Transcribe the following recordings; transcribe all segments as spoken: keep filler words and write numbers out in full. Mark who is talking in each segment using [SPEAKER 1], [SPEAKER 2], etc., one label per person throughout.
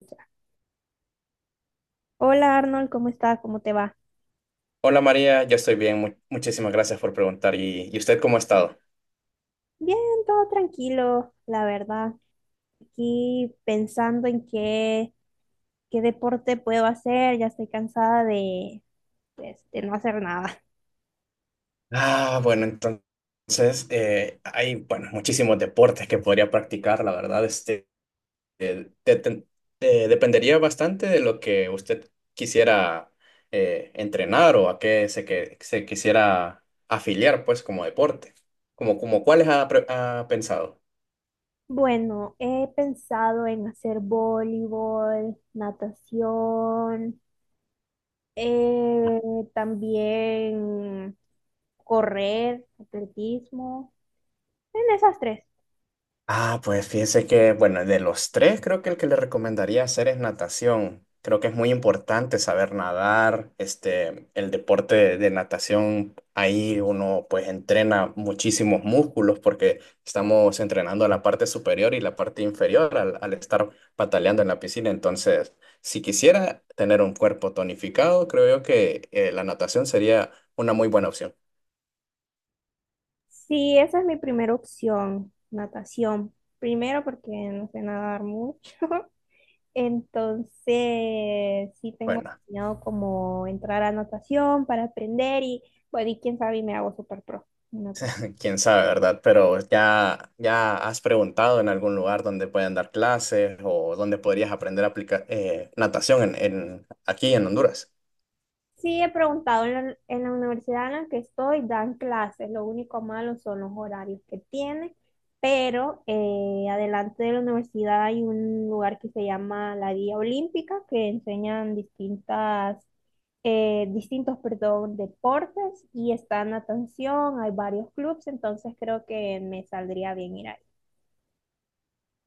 [SPEAKER 1] Ya. Hola Arnold, ¿cómo estás? ¿Cómo te va?
[SPEAKER 2] Hola María, yo estoy bien, mu- muchísimas gracias por preguntar. ¿Y, y usted cómo ha estado?
[SPEAKER 1] Bien, todo tranquilo, la verdad. Aquí pensando en qué, qué deporte puedo hacer, ya estoy cansada de, pues, de no hacer nada.
[SPEAKER 2] Ah, bueno, entonces eh, hay bueno, muchísimos deportes que podría practicar, la verdad, este, eh, de- de- eh, dependería bastante de lo que usted quisiera eh, entrenar o a qué se, que, se quisiera afiliar, pues, como deporte. Como, como cuáles ha, pre- ha pensado?
[SPEAKER 1] Bueno, he pensado en hacer voleibol, natación, eh, también correr, atletismo, en esas tres.
[SPEAKER 2] Ah, pues fíjese que, bueno, de los tres, creo que el que le recomendaría hacer es natación. Creo que es muy importante saber nadar. Este, el deporte de, de natación, ahí uno pues entrena muchísimos músculos porque estamos entrenando la parte superior y la parte inferior al, al estar pataleando en la piscina. Entonces, si quisiera tener un cuerpo tonificado, creo yo que eh, la natación sería una muy buena opción.
[SPEAKER 1] Sí, esa es mi primera opción, natación. Primero porque no sé nadar mucho, entonces sí tengo
[SPEAKER 2] Bueno.
[SPEAKER 1] planeado como entrar a natación para aprender y bueno, y quién sabe y me hago súper pro en natación.
[SPEAKER 2] Quién sabe, ¿verdad? Pero ya, ya has preguntado en algún lugar donde puedan dar clases o donde podrías aprender a aplicar eh, natación en, en- aquí en Honduras.
[SPEAKER 1] Sí, he preguntado en la, en la universidad en la que estoy, dan clases, lo único malo son los horarios que tiene, pero eh, adelante de la universidad hay un lugar que se llama la Guía Olímpica, que enseñan distintas, eh, distintos, perdón, deportes y está natación, hay varios clubes, entonces creo que me saldría bien ir ahí.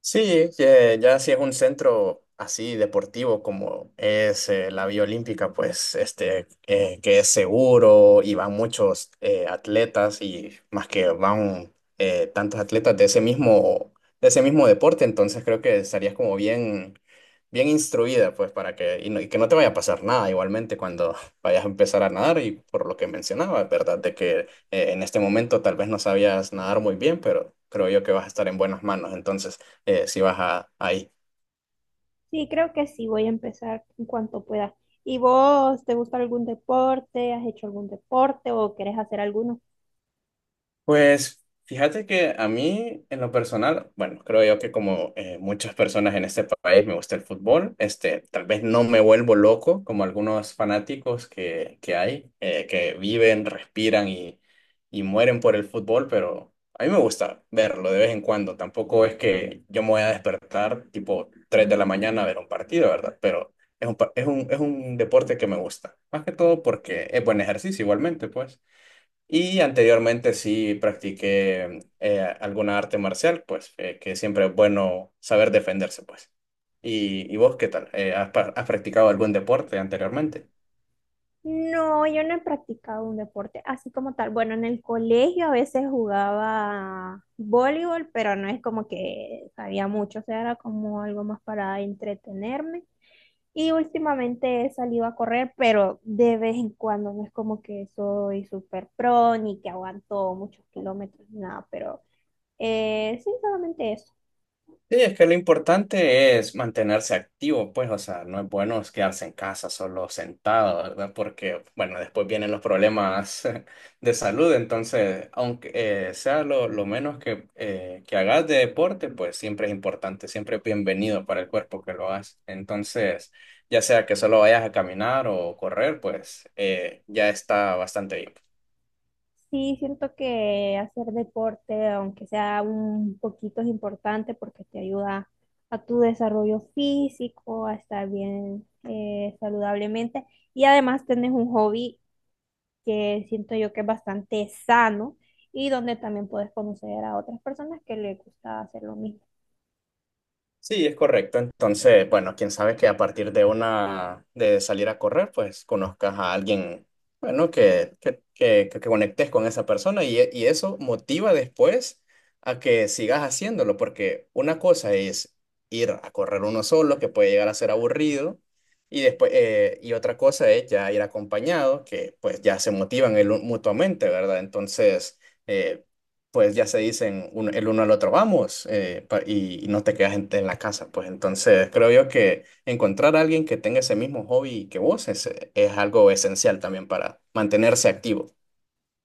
[SPEAKER 2] Sí, ya, ya si es un centro así deportivo como es eh, la Vía Olímpica, pues este eh, que es seguro y van muchos eh, atletas y más que van eh, tantos atletas de ese mismo de ese mismo deporte, entonces creo que estarías como bien bien instruida, pues para que y, no- y que no te vaya a pasar nada igualmente cuando vayas a empezar a nadar y por lo que mencionaba, ¿verdad? De que eh, en este momento tal vez no sabías nadar muy bien, pero creo yo que vas a estar en buenas manos, entonces eh, si vas a, ahí.
[SPEAKER 1] Sí, creo que sí, voy a empezar en cuanto pueda. ¿Y vos, te gusta algún deporte? ¿Has hecho algún deporte o querés hacer alguno?
[SPEAKER 2] Pues fíjate que a mí, en lo personal, bueno, creo yo que como eh, muchas personas en este país me gusta el fútbol, este, tal vez no me vuelvo loco como algunos fanáticos que, que hay, eh, que viven, respiran y, y mueren por el fútbol, pero a mí me gusta verlo de vez en cuando. Tampoco es que yo me voy a despertar tipo tres de la mañana a ver un partido, ¿verdad? Pero es un, pa- es un, es un deporte que me gusta, más que todo porque es buen ejercicio igualmente, pues. Y anteriormente sí practiqué eh, alguna arte marcial, pues eh, que siempre es bueno saber defenderse, pues. ¿Y, y vos qué tal? Eh, ¿has, pa- has practicado algún deporte anteriormente?
[SPEAKER 1] No, yo no he practicado un deporte así como tal. Bueno, en el colegio a veces jugaba voleibol, pero no es como que sabía mucho, o sea, era como algo más para entretenerme. Y últimamente he salido a correr, pero de vez en cuando no es como que soy súper pro ni que aguanto muchos kilómetros, ni nada, pero eh, sí, solamente eso.
[SPEAKER 2] Sí, es que lo importante es mantenerse activo, pues, o sea, no es bueno es quedarse en casa solo sentado, ¿verdad? Porque, bueno, después vienen los problemas de salud, entonces, aunque eh, sea lo, lo menos que, eh, que hagas de deporte, pues siempre es importante, siempre es bienvenido para el cuerpo que lo hagas. Entonces, ya sea que solo vayas a caminar o correr, pues eh, ya está bastante bien.
[SPEAKER 1] Sí, siento que hacer deporte, aunque sea un poquito, es importante porque te ayuda a tu desarrollo físico, a estar bien eh, saludablemente, y además tenés un hobby que siento yo que es bastante sano y donde también puedes conocer a otras personas que les gusta hacer lo mismo.
[SPEAKER 2] Sí, es correcto. Entonces, bueno, quién sabe que a partir de una, de salir a correr, pues conozcas a alguien, bueno, que, que, que, que conectes con esa persona y, e- y eso motiva después a que sigas haciéndolo, porque una cosa es ir a correr uno solo, que puede llegar a ser aburrido, y después, eh, y otra cosa es ya ir acompañado, que pues ya se motivan el, un- mutuamente, ¿verdad? Entonces eh, pues ya se dicen un- el uno al otro, vamos, eh, pa- y, y no te quedas en, en la casa. Pues entonces creo yo que encontrar a alguien que tenga ese mismo hobby que vos es, es algo esencial también para mantenerse activo.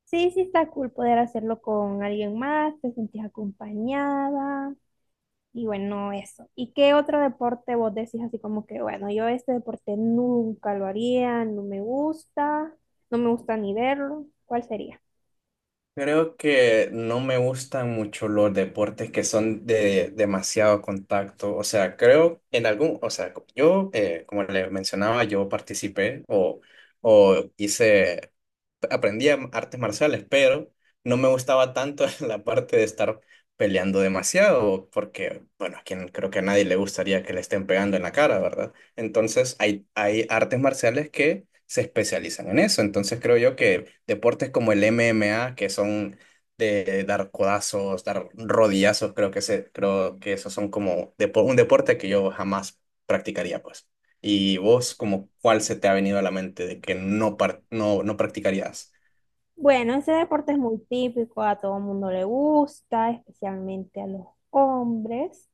[SPEAKER 1] Sí, sí está cool poder hacerlo con alguien más, te sentís acompañada. Y bueno, eso. ¿Y qué otro deporte vos decís así como que, bueno, yo este deporte nunca lo haría, no me gusta, no me gusta ni verlo? ¿Cuál sería?
[SPEAKER 2] Creo que no me gustan mucho los deportes que son de demasiado contacto. O sea, creo en algún, o sea, yo, eh, como le mencionaba, yo participé o, o hice aprendía artes marciales, pero no me gustaba tanto la parte de estar peleando demasiado, porque, bueno, a quien creo que a nadie le gustaría que le estén pegando en la cara, ¿verdad? Entonces, hay, hay artes marciales que se especializan en eso. Entonces, creo yo que deportes como el M M A, que son de dar codazos, dar rodillazos, creo que, se, creo que esos son como depo- un deporte que yo jamás practicaría, pues. ¿Y vos, como cuál se te ha venido a la mente de que no, par- no, no practicarías?
[SPEAKER 1] Bueno, ese deporte es muy típico, a todo mundo le gusta, especialmente a los hombres,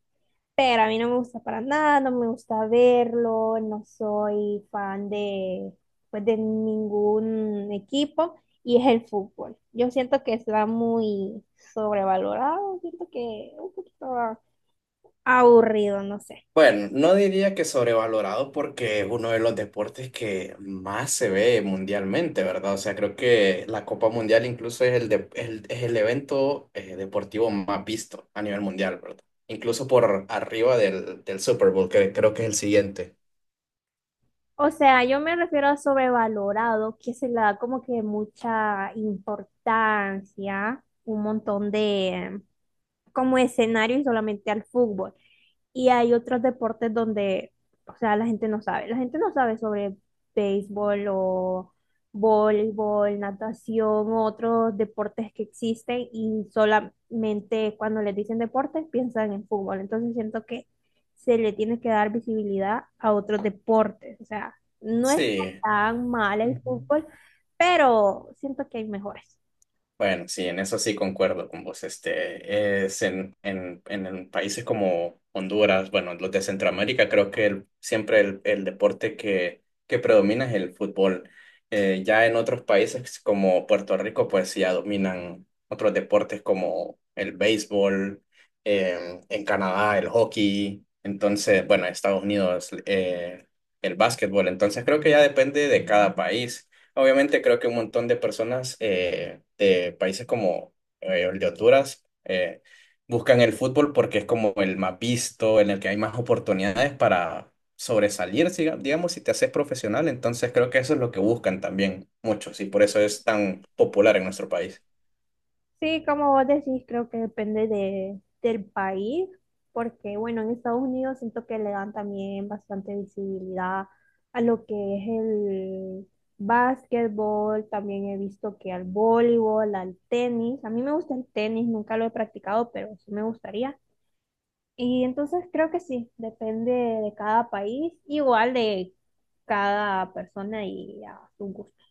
[SPEAKER 1] pero a mí no me gusta para nada, no me gusta verlo, no soy fan de, pues, de ningún equipo, y es el fútbol. Yo siento que está muy sobrevalorado, siento que un poquito aburrido, no sé.
[SPEAKER 2] Bueno, no diría que sobrevalorado porque es uno de los deportes que más se ve mundialmente, ¿verdad? O sea, creo que la Copa Mundial incluso es el, de- el- es el evento eh, deportivo más visto a nivel mundial, ¿verdad? Incluso por arriba del, del Super Bowl, que creo que es el siguiente.
[SPEAKER 1] O sea, yo me refiero a sobrevalorado, que se le da como que mucha importancia, un montón de como escenario, y solamente al fútbol. Y hay otros deportes donde, o sea, la gente no sabe. La gente no sabe sobre béisbol o voleibol, natación, otros deportes que existen, y solamente cuando les dicen deportes piensan en fútbol. Entonces siento que se le tiene que dar visibilidad a otros deportes. O sea, no es
[SPEAKER 2] Sí.
[SPEAKER 1] tan mal el
[SPEAKER 2] Ujú.
[SPEAKER 1] fútbol, pero siento que hay mejores.
[SPEAKER 2] Bueno, sí, en eso sí concuerdo con vos. Este es en, en, en, en países como Honduras, bueno, los de Centroamérica, creo que el- siempre el, el deporte que, que predomina es el fútbol. Eh, ya en otros países como Puerto Rico, pues sí, ya dominan otros deportes como el béisbol, eh, en Canadá el hockey, entonces, bueno, en Estados Unidos eh, el básquetbol. Entonces creo que ya depende de cada país. Obviamente creo que un montón de personas eh, de países como eh, el de Honduras, eh, buscan el fútbol porque es como el más visto, en el que hay más oportunidades para sobresalir, siga- digamos, si te haces profesional. Entonces creo que eso es lo que buscan también muchos y por eso es tan popular en nuestro país.
[SPEAKER 1] Sí, como vos decís, creo que depende de, del país, porque bueno, en Estados Unidos siento que le dan también bastante visibilidad a lo que es el básquetbol, también he visto que al voleibol, al tenis, a mí me gusta el tenis, nunca lo he practicado, pero sí me gustaría. Y entonces creo que sí, depende de cada país, igual de cada persona y a sus gustos.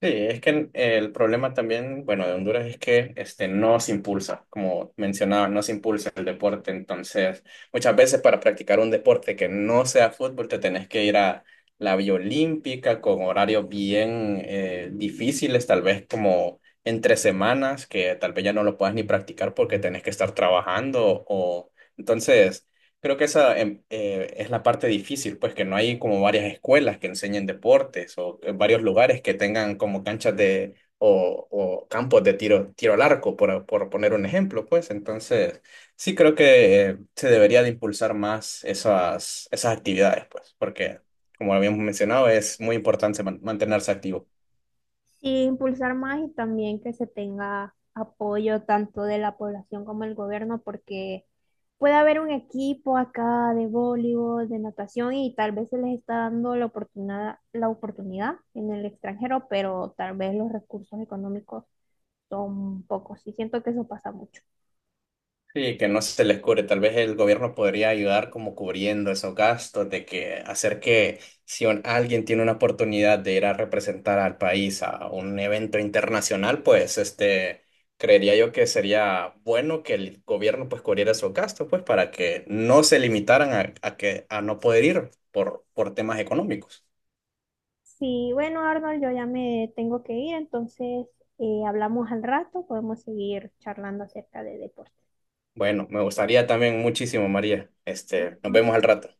[SPEAKER 2] Sí, es que el problema también, bueno, de Honduras es que este, no se impulsa, como mencionaba, no se impulsa el deporte. Entonces, muchas veces para practicar un deporte que no sea fútbol, te tenés que ir a la vía olímpica con horarios bien eh, difíciles, tal vez como entre semanas, que tal vez ya no lo puedas ni practicar porque tenés que estar trabajando. O... Entonces, creo que esa em, eh, es la parte difícil, pues que no hay como varias escuelas que enseñen deportes o que varios lugares que tengan como canchas de o, o campos de tiro, tiro al arco, por, por poner un ejemplo, pues. Entonces, sí creo que eh, se debería de impulsar más esas, esas actividades, pues, porque como habíamos mencionado, es muy importante man- mantenerse activo.
[SPEAKER 1] Sí, impulsar más y también que se tenga apoyo tanto de la población como del gobierno, porque puede haber un equipo acá de voleibol, de natación, y tal vez se les está dando la oportunidad, la oportunidad en el extranjero, pero tal vez los recursos económicos son pocos y siento que eso pasa mucho.
[SPEAKER 2] Sí, que no se les cubre. Tal vez el gobierno podría ayudar como cubriendo esos gastos, de que hacer que si un- alguien tiene una oportunidad de ir a representar al país a un evento internacional, pues este, creería yo que sería bueno que el gobierno pues cubriera esos gastos, pues para que no se limitaran a, a que a no poder ir por, por temas económicos.
[SPEAKER 1] Sí, bueno, Arnold, yo ya me tengo que ir, entonces eh, hablamos al rato, podemos seguir charlando acerca de deportes.
[SPEAKER 2] Bueno, me gustaría también muchísimo, María. Este, nos vemos al rato.